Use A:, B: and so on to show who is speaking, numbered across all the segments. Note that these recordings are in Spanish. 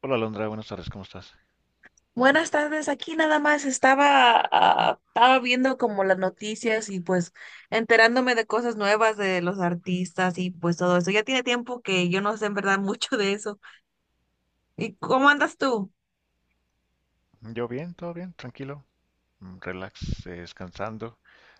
A: Hola Alondra, buenas tardes, ¿cómo estás?
B: Buenas tardes, aquí nada más estaba viendo como las noticias y pues enterándome de cosas nuevas de los artistas y pues todo eso. Ya tiene tiempo que yo no sé en verdad mucho de eso. ¿Y cómo andas tú?
A: Yo bien, todo bien, tranquilo, relax, descansando.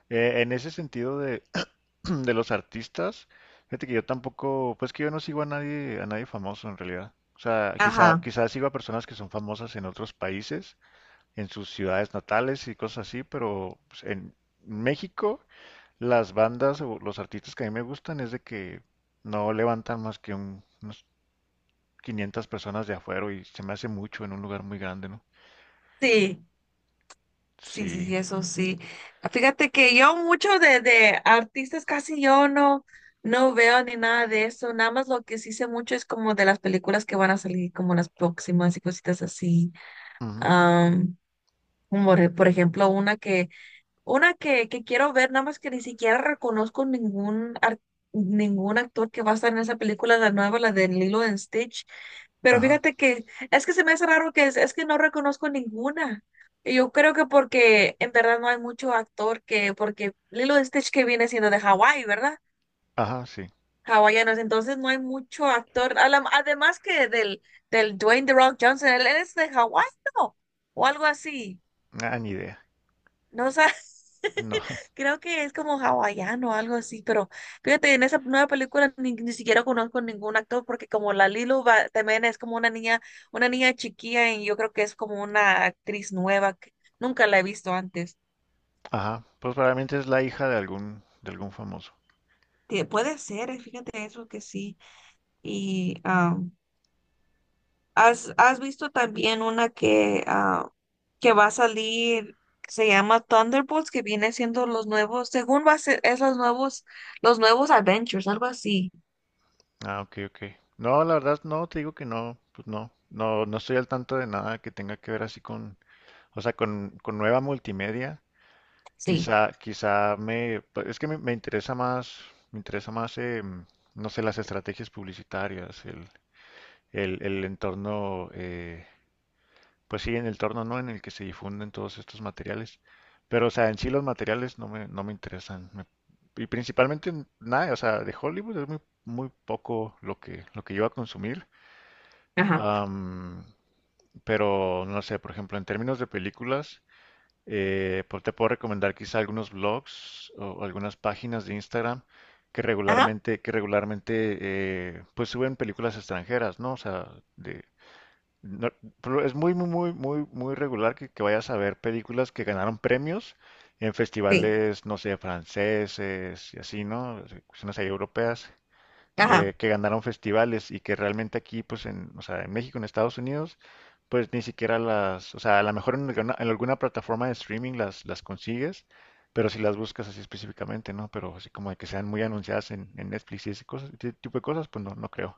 A: En ese sentido de los artistas, fíjate que yo tampoco, pues que yo no sigo a nadie famoso en realidad. O sea, quizá,
B: Ajá,
A: quizá sigo a personas que son famosas en otros países, en sus ciudades natales y cosas así, pero pues, en México las bandas o los artistas que a mí me gustan es de que no levantan más que unos 500 personas de afuera y se me hace mucho en un lugar muy grande, ¿no?
B: sí, sí, sí,
A: Sí.
B: sí, eso sí. Fíjate que yo mucho de artistas casi yo no veo ni nada de eso. Nada más lo que sí sé mucho es como de las películas que van a salir como las próximas y cositas así.
A: Ujú.
B: Am, por ejemplo, una que quiero ver, nada más que ni siquiera reconozco ningún actor que va a estar en esa película, la nueva, la de Lilo and Stitch. Pero
A: Ajá.
B: fíjate que es que se me hace raro, que es que no reconozco ninguna. Y yo creo que porque en verdad no hay mucho actor que, porque Lilo and Stitch que viene siendo de Hawái, ¿verdad?
A: Ajá, sí.
B: Hawaiianos, entonces no hay mucho actor. Además que del Dwayne The Rock Johnson, él es de Hawái, ¿no? O algo así.
A: Ah, ni idea.
B: No sé,
A: No.
B: creo que es como hawaiano o algo así, pero fíjate, en esa nueva película ni siquiera conozco ningún actor porque como la Lilo también es como una niña, chiquilla y yo creo que es como una actriz nueva que nunca la he visto antes.
A: Ajá. Pues probablemente es la hija de algún famoso.
B: Puede ser, fíjate eso que sí. Y has visto también una que va a salir, que se llama Thunderbolts, que viene siendo los nuevos, según va a ser, es los nuevos Adventures, algo así.
A: Ah, ok, ok. No, la verdad, no, te digo que no, pues no. No, no estoy al tanto de nada que tenga que ver así o sea, con nueva multimedia.
B: Sí,
A: Quizá pues, es que me interesa más, me interesa más, em, no sé, las estrategias publicitarias, el, el entorno, Pues sí, en el torno, ¿no? En el que se difunden todos estos materiales. Pero, o sea, en sí los materiales no me interesan. Y principalmente nada, o sea, de Hollywood es muy, muy poco lo que, yo voy a consumir.
B: ajá,
A: Am, pero, no sé, por ejemplo, en términos de películas, pues te puedo recomendar quizá algunos blogs o algunas páginas de Instagram que
B: ajá,
A: regularmente, que regularmente pues suben películas extranjeras, ¿no? O sea, no, pero es muy, muy, muy, muy, muy regular que vayas a ver películas que ganaron premios en
B: sí,
A: festivales, no sé, franceses y así, ¿no? Cuestiones ahí europeas,
B: ajá.
A: que ganaron festivales y que realmente aquí, pues, o sea, en México, en Estados Unidos, pues ni siquiera o sea, a lo mejor en alguna, plataforma de streaming las consigues, pero si las buscas así específicamente, ¿no? Pero así como de que sean muy anunciadas en Netflix y ese tipo de cosas, pues no creo.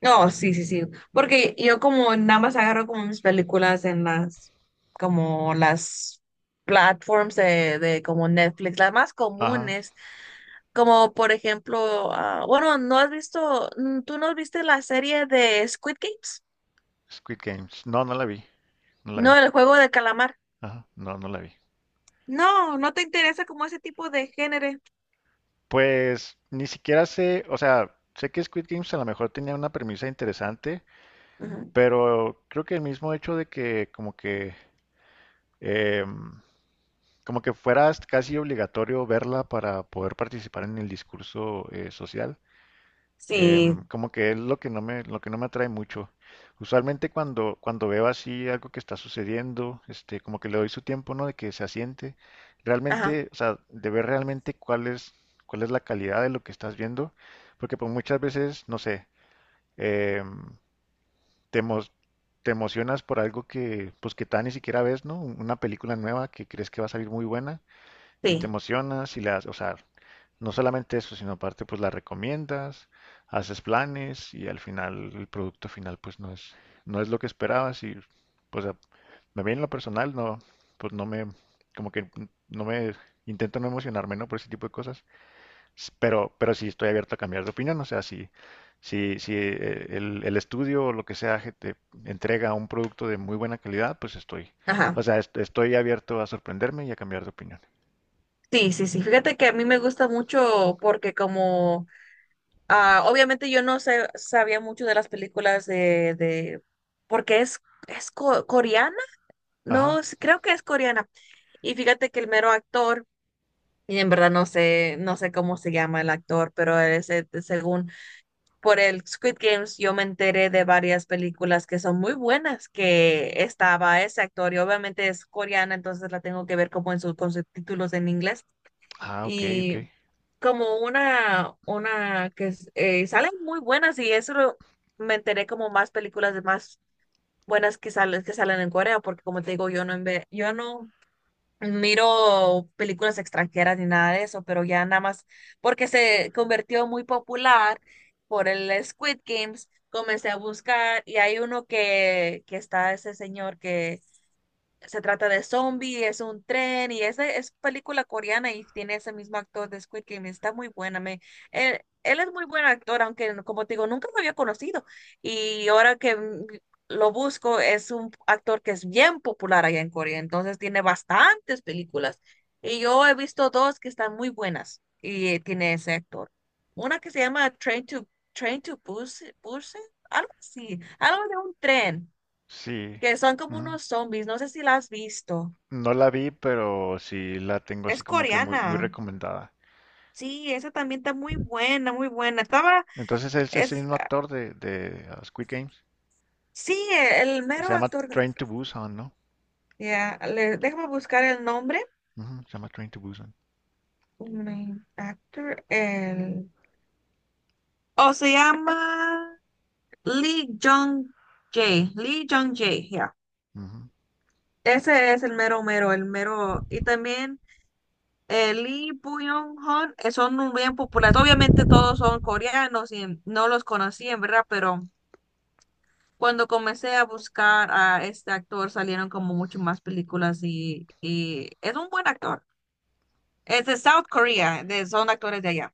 B: No, sí, sí, sí. Porque yo como nada más agarro como mis películas en las, como las platforms de como Netflix, las más
A: Ajá,
B: comunes, como por ejemplo, bueno, ¿no has visto, tú no viste la serie de Squid Games?
A: Squid Games. No, no la vi, no la
B: No,
A: vi.
B: el juego de calamar.
A: Ajá, no, no la vi.
B: No, no te interesa como ese tipo de género.
A: Pues ni siquiera sé, o sea, sé que Squid Games a lo mejor tenía una premisa interesante,
B: Ujú.
A: pero creo que el mismo hecho de que como que em, como que fuera casi obligatorio verla para poder participar en el discurso social. Em,
B: Sí,
A: como que es lo que no me atrae mucho. Usualmente cuando veo así algo que está sucediendo, este, como que le doy su tiempo, ¿no? De que se asiente.
B: ajá,
A: Realmente, o sea, de ver realmente cuál es la calidad de lo que estás viendo. Porque pues muchas veces, no sé, em, te, emo- te emocionas por algo que, pues que tal ni siquiera ves, ¿no? Una película nueva que crees que va a salir muy buena y te
B: sí,
A: emocionas y las, o sea, no solamente eso, sino aparte pues la recomiendas, haces planes y al final el producto final pues no es lo que esperabas y pues a- me bien en lo personal, no, pues no me, como que no me, intento no emocionarme, ¿no? Por ese tipo de cosas, pero sí estoy abierto a cambiar de opinión, o sea, si, si el estudio o lo que sea que te entrega un producto de muy buena calidad, pues estoy, o
B: ajá.
A: sea, estoy abierto a sorprenderme y a cambiar de opinión.
B: Sí, sí, sí. Fíjate que a mí me gusta mucho porque como Ah, obviamente yo no sabía mucho de las películas de porque es coreana,
A: Ajá.
B: no, sí, creo que es coreana. Y fíjate que el mero actor, y en verdad no sé cómo se llama el actor, pero ese, según por el Squid Games, yo me enteré de varias películas que son muy buenas, que estaba ese actor, y obviamente es coreana, entonces la tengo que ver como con sus títulos en inglés
A: Ah, ok, ok.
B: y como una salen muy buenas. Y eso, me enteré como más películas de más buenas que salen, en Corea, porque como te digo, yo no miro películas extranjeras ni nada de eso, pero ya nada más porque se convirtió muy popular por el Squid Games, comencé a buscar y hay uno que está ese señor que se trata de zombie, es un tren y esa es película coreana y tiene ese mismo actor de Squid Game. Está muy buena. Él es muy buen actor, aunque como te digo, nunca lo había conocido. Y ahora que lo busco, es un actor que es bien popular allá en Corea. Entonces tiene bastantes películas. Y yo he visto dos que están muy buenas y tiene ese actor. Una que se llama Train to Busan, algo así, algo de un tren
A: Sí.
B: que son como
A: Ujú.
B: unos zombies, no sé si la has visto.
A: No la vi, pero sí la tengo así
B: Es
A: como que muy,
B: coreana.
A: muy recomendada.
B: Sí, esa también está muy buena, muy buena. Estaba,
A: Entonces es ese
B: es,
A: mismo actor de Squid Games.
B: sí, el
A: Se
B: mero
A: llama
B: actor.
A: Train to Busan, ¿no?
B: Ya, déjame buscar el nombre.
A: Ujú, se llama Train to Busan.
B: Main actor, el. Oh, se llama Lee Jong Jae. Lee Jong Jae, ya.
A: Ujú.
B: Ese es el mero mero, el mero. Y también Lee Byung-hun son un bien populares. Obviamente todos son coreanos y no los conocí en verdad, pero. Cuando comencé a buscar a este actor, salieron como mucho más películas y es un buen actor. Es de South Korea, son actores de allá.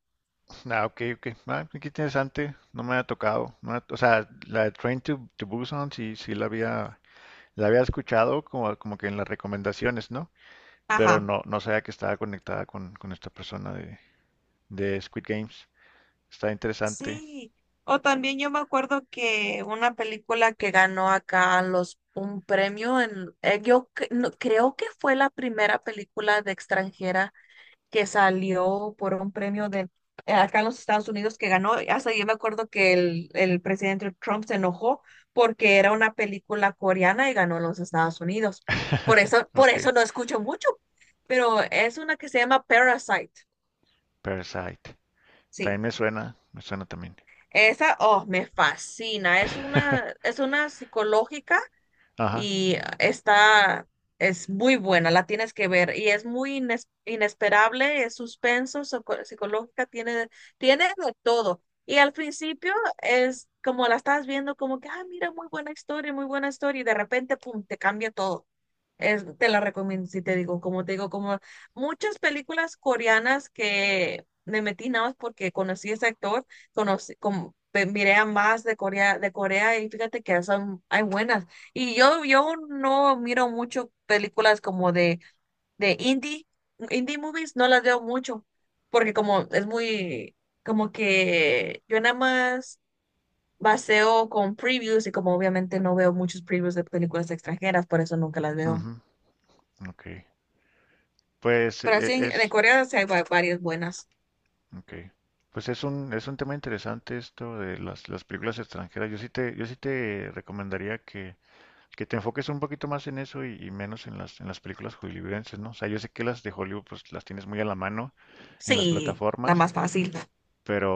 A: Ah, ok, ok. Ah, qué interesante. No me ha tocado. No me ha- o sea, la de Train to Busan sí, sí la había escuchado como que en las recomendaciones, ¿no? Pero
B: Ajá.
A: no sabía que estaba conectada con esta persona de Squid Games. Está interesante.
B: Sí. O también yo me acuerdo que una película que ganó acá los un premio en yo creo que fue la primera película de extranjera que salió por un premio de acá en los Estados Unidos que ganó. Hasta yo me acuerdo que el presidente Trump se enojó porque era una película coreana y ganó en los Estados Unidos. Por
A: Ok,
B: eso no escucho mucho, pero es una que se llama Parasite.
A: Parasite. También
B: Sí.
A: me suena también.
B: Esa, oh, me fascina. Es una, es una psicológica
A: Ajá,
B: y es muy buena, la tienes que ver y es muy inesperable, es suspenso, psicológica, tiene de todo. Y al principio es como la estás viendo como que, mira, muy buena historia y de repente, pum, te cambia todo. Te la recomiendo, si te digo, como te digo, como muchas películas coreanas que me metí nada más porque conocí a ese actor, miré a más de Corea y fíjate que hay buenas. Y yo no miro mucho películas como de indie movies, no las veo mucho, porque como es muy, como que yo nada más baseo con previews y como obviamente no veo muchos previews de películas extranjeras, por eso nunca las veo.
A: ujú, ok. Pues
B: Pero sí, en Corea sí hay varias buenas.
A: ok. Pues es un tema interesante esto de las películas extranjeras. Yo sí te recomendaría que te enfoques un poquito más en eso y menos en en las películas hollywoodenses, ¿no? O sea, yo sé que las de Hollywood pues las tienes muy a la mano en las
B: Sí, la
A: plataformas.
B: más fácil.
A: Pero,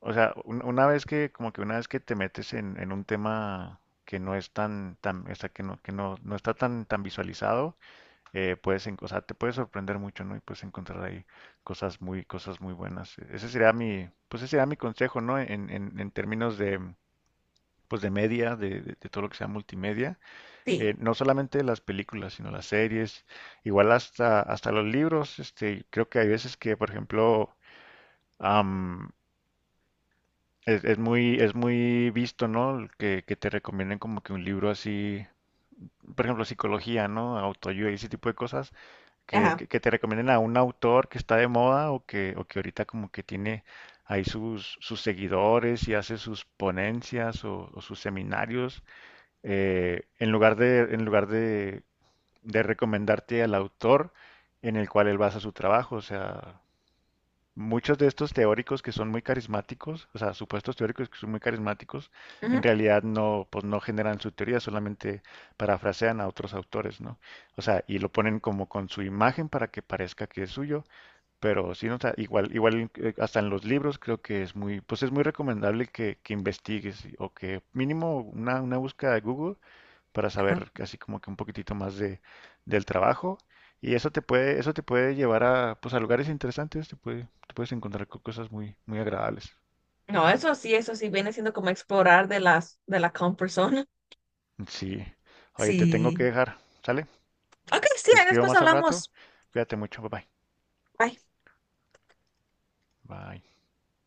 A: o sea, una vez que te metes en un tema que no es tan, tan, o sea, que no, no está tan, tan visualizado, o sea, te puede sorprender mucho, ¿no? Y puedes encontrar ahí cosas muy buenas. Pues ese sería mi consejo, ¿no? En términos de, pues de media, de todo lo que sea multimedia,
B: Sí,
A: no solamente las películas, sino las series, igual hasta los libros, este, creo que hay veces que, por ejemplo, es muy visto, ¿no? Que te recomienden como que un libro así, por ejemplo, psicología, ¿no? Autoayuda y ese tipo de cosas, que, que,
B: ajá.
A: que te recomienden a un autor que está de moda o o que ahorita como que tiene ahí sus seguidores y hace sus ponencias o sus seminarios, en lugar de recomendarte al autor en el cual él basa su trabajo. O sea, muchos de estos teóricos que son muy carismáticos, o sea, supuestos teóricos que son muy carismáticos, en
B: Ujú,
A: realidad no, pues no generan su teoría, solamente parafrasean a otros autores, ¿no? O sea, y lo ponen como con su imagen para que parezca que es suyo, pero sí, no, o sea, igual hasta en los libros creo que pues es muy recomendable que investigues o que mínimo una búsqueda de Google para saber
B: ajá.
A: casi como que un poquitito más del trabajo. Y eso te puede llevar a, pues, a lugares interesantes, te puedes encontrar con cosas muy, muy agradables.
B: No, eso sí viene siendo como explorar de de la comfort zone.
A: Sí. Oye, te tengo que
B: Sí.
A: dejar, ¿sale?
B: Ok, sí,
A: Te
B: ahí
A: escribo
B: después
A: más al rato.
B: hablamos.
A: Cuídate mucho, bye bye.
B: Bye.
A: Bye.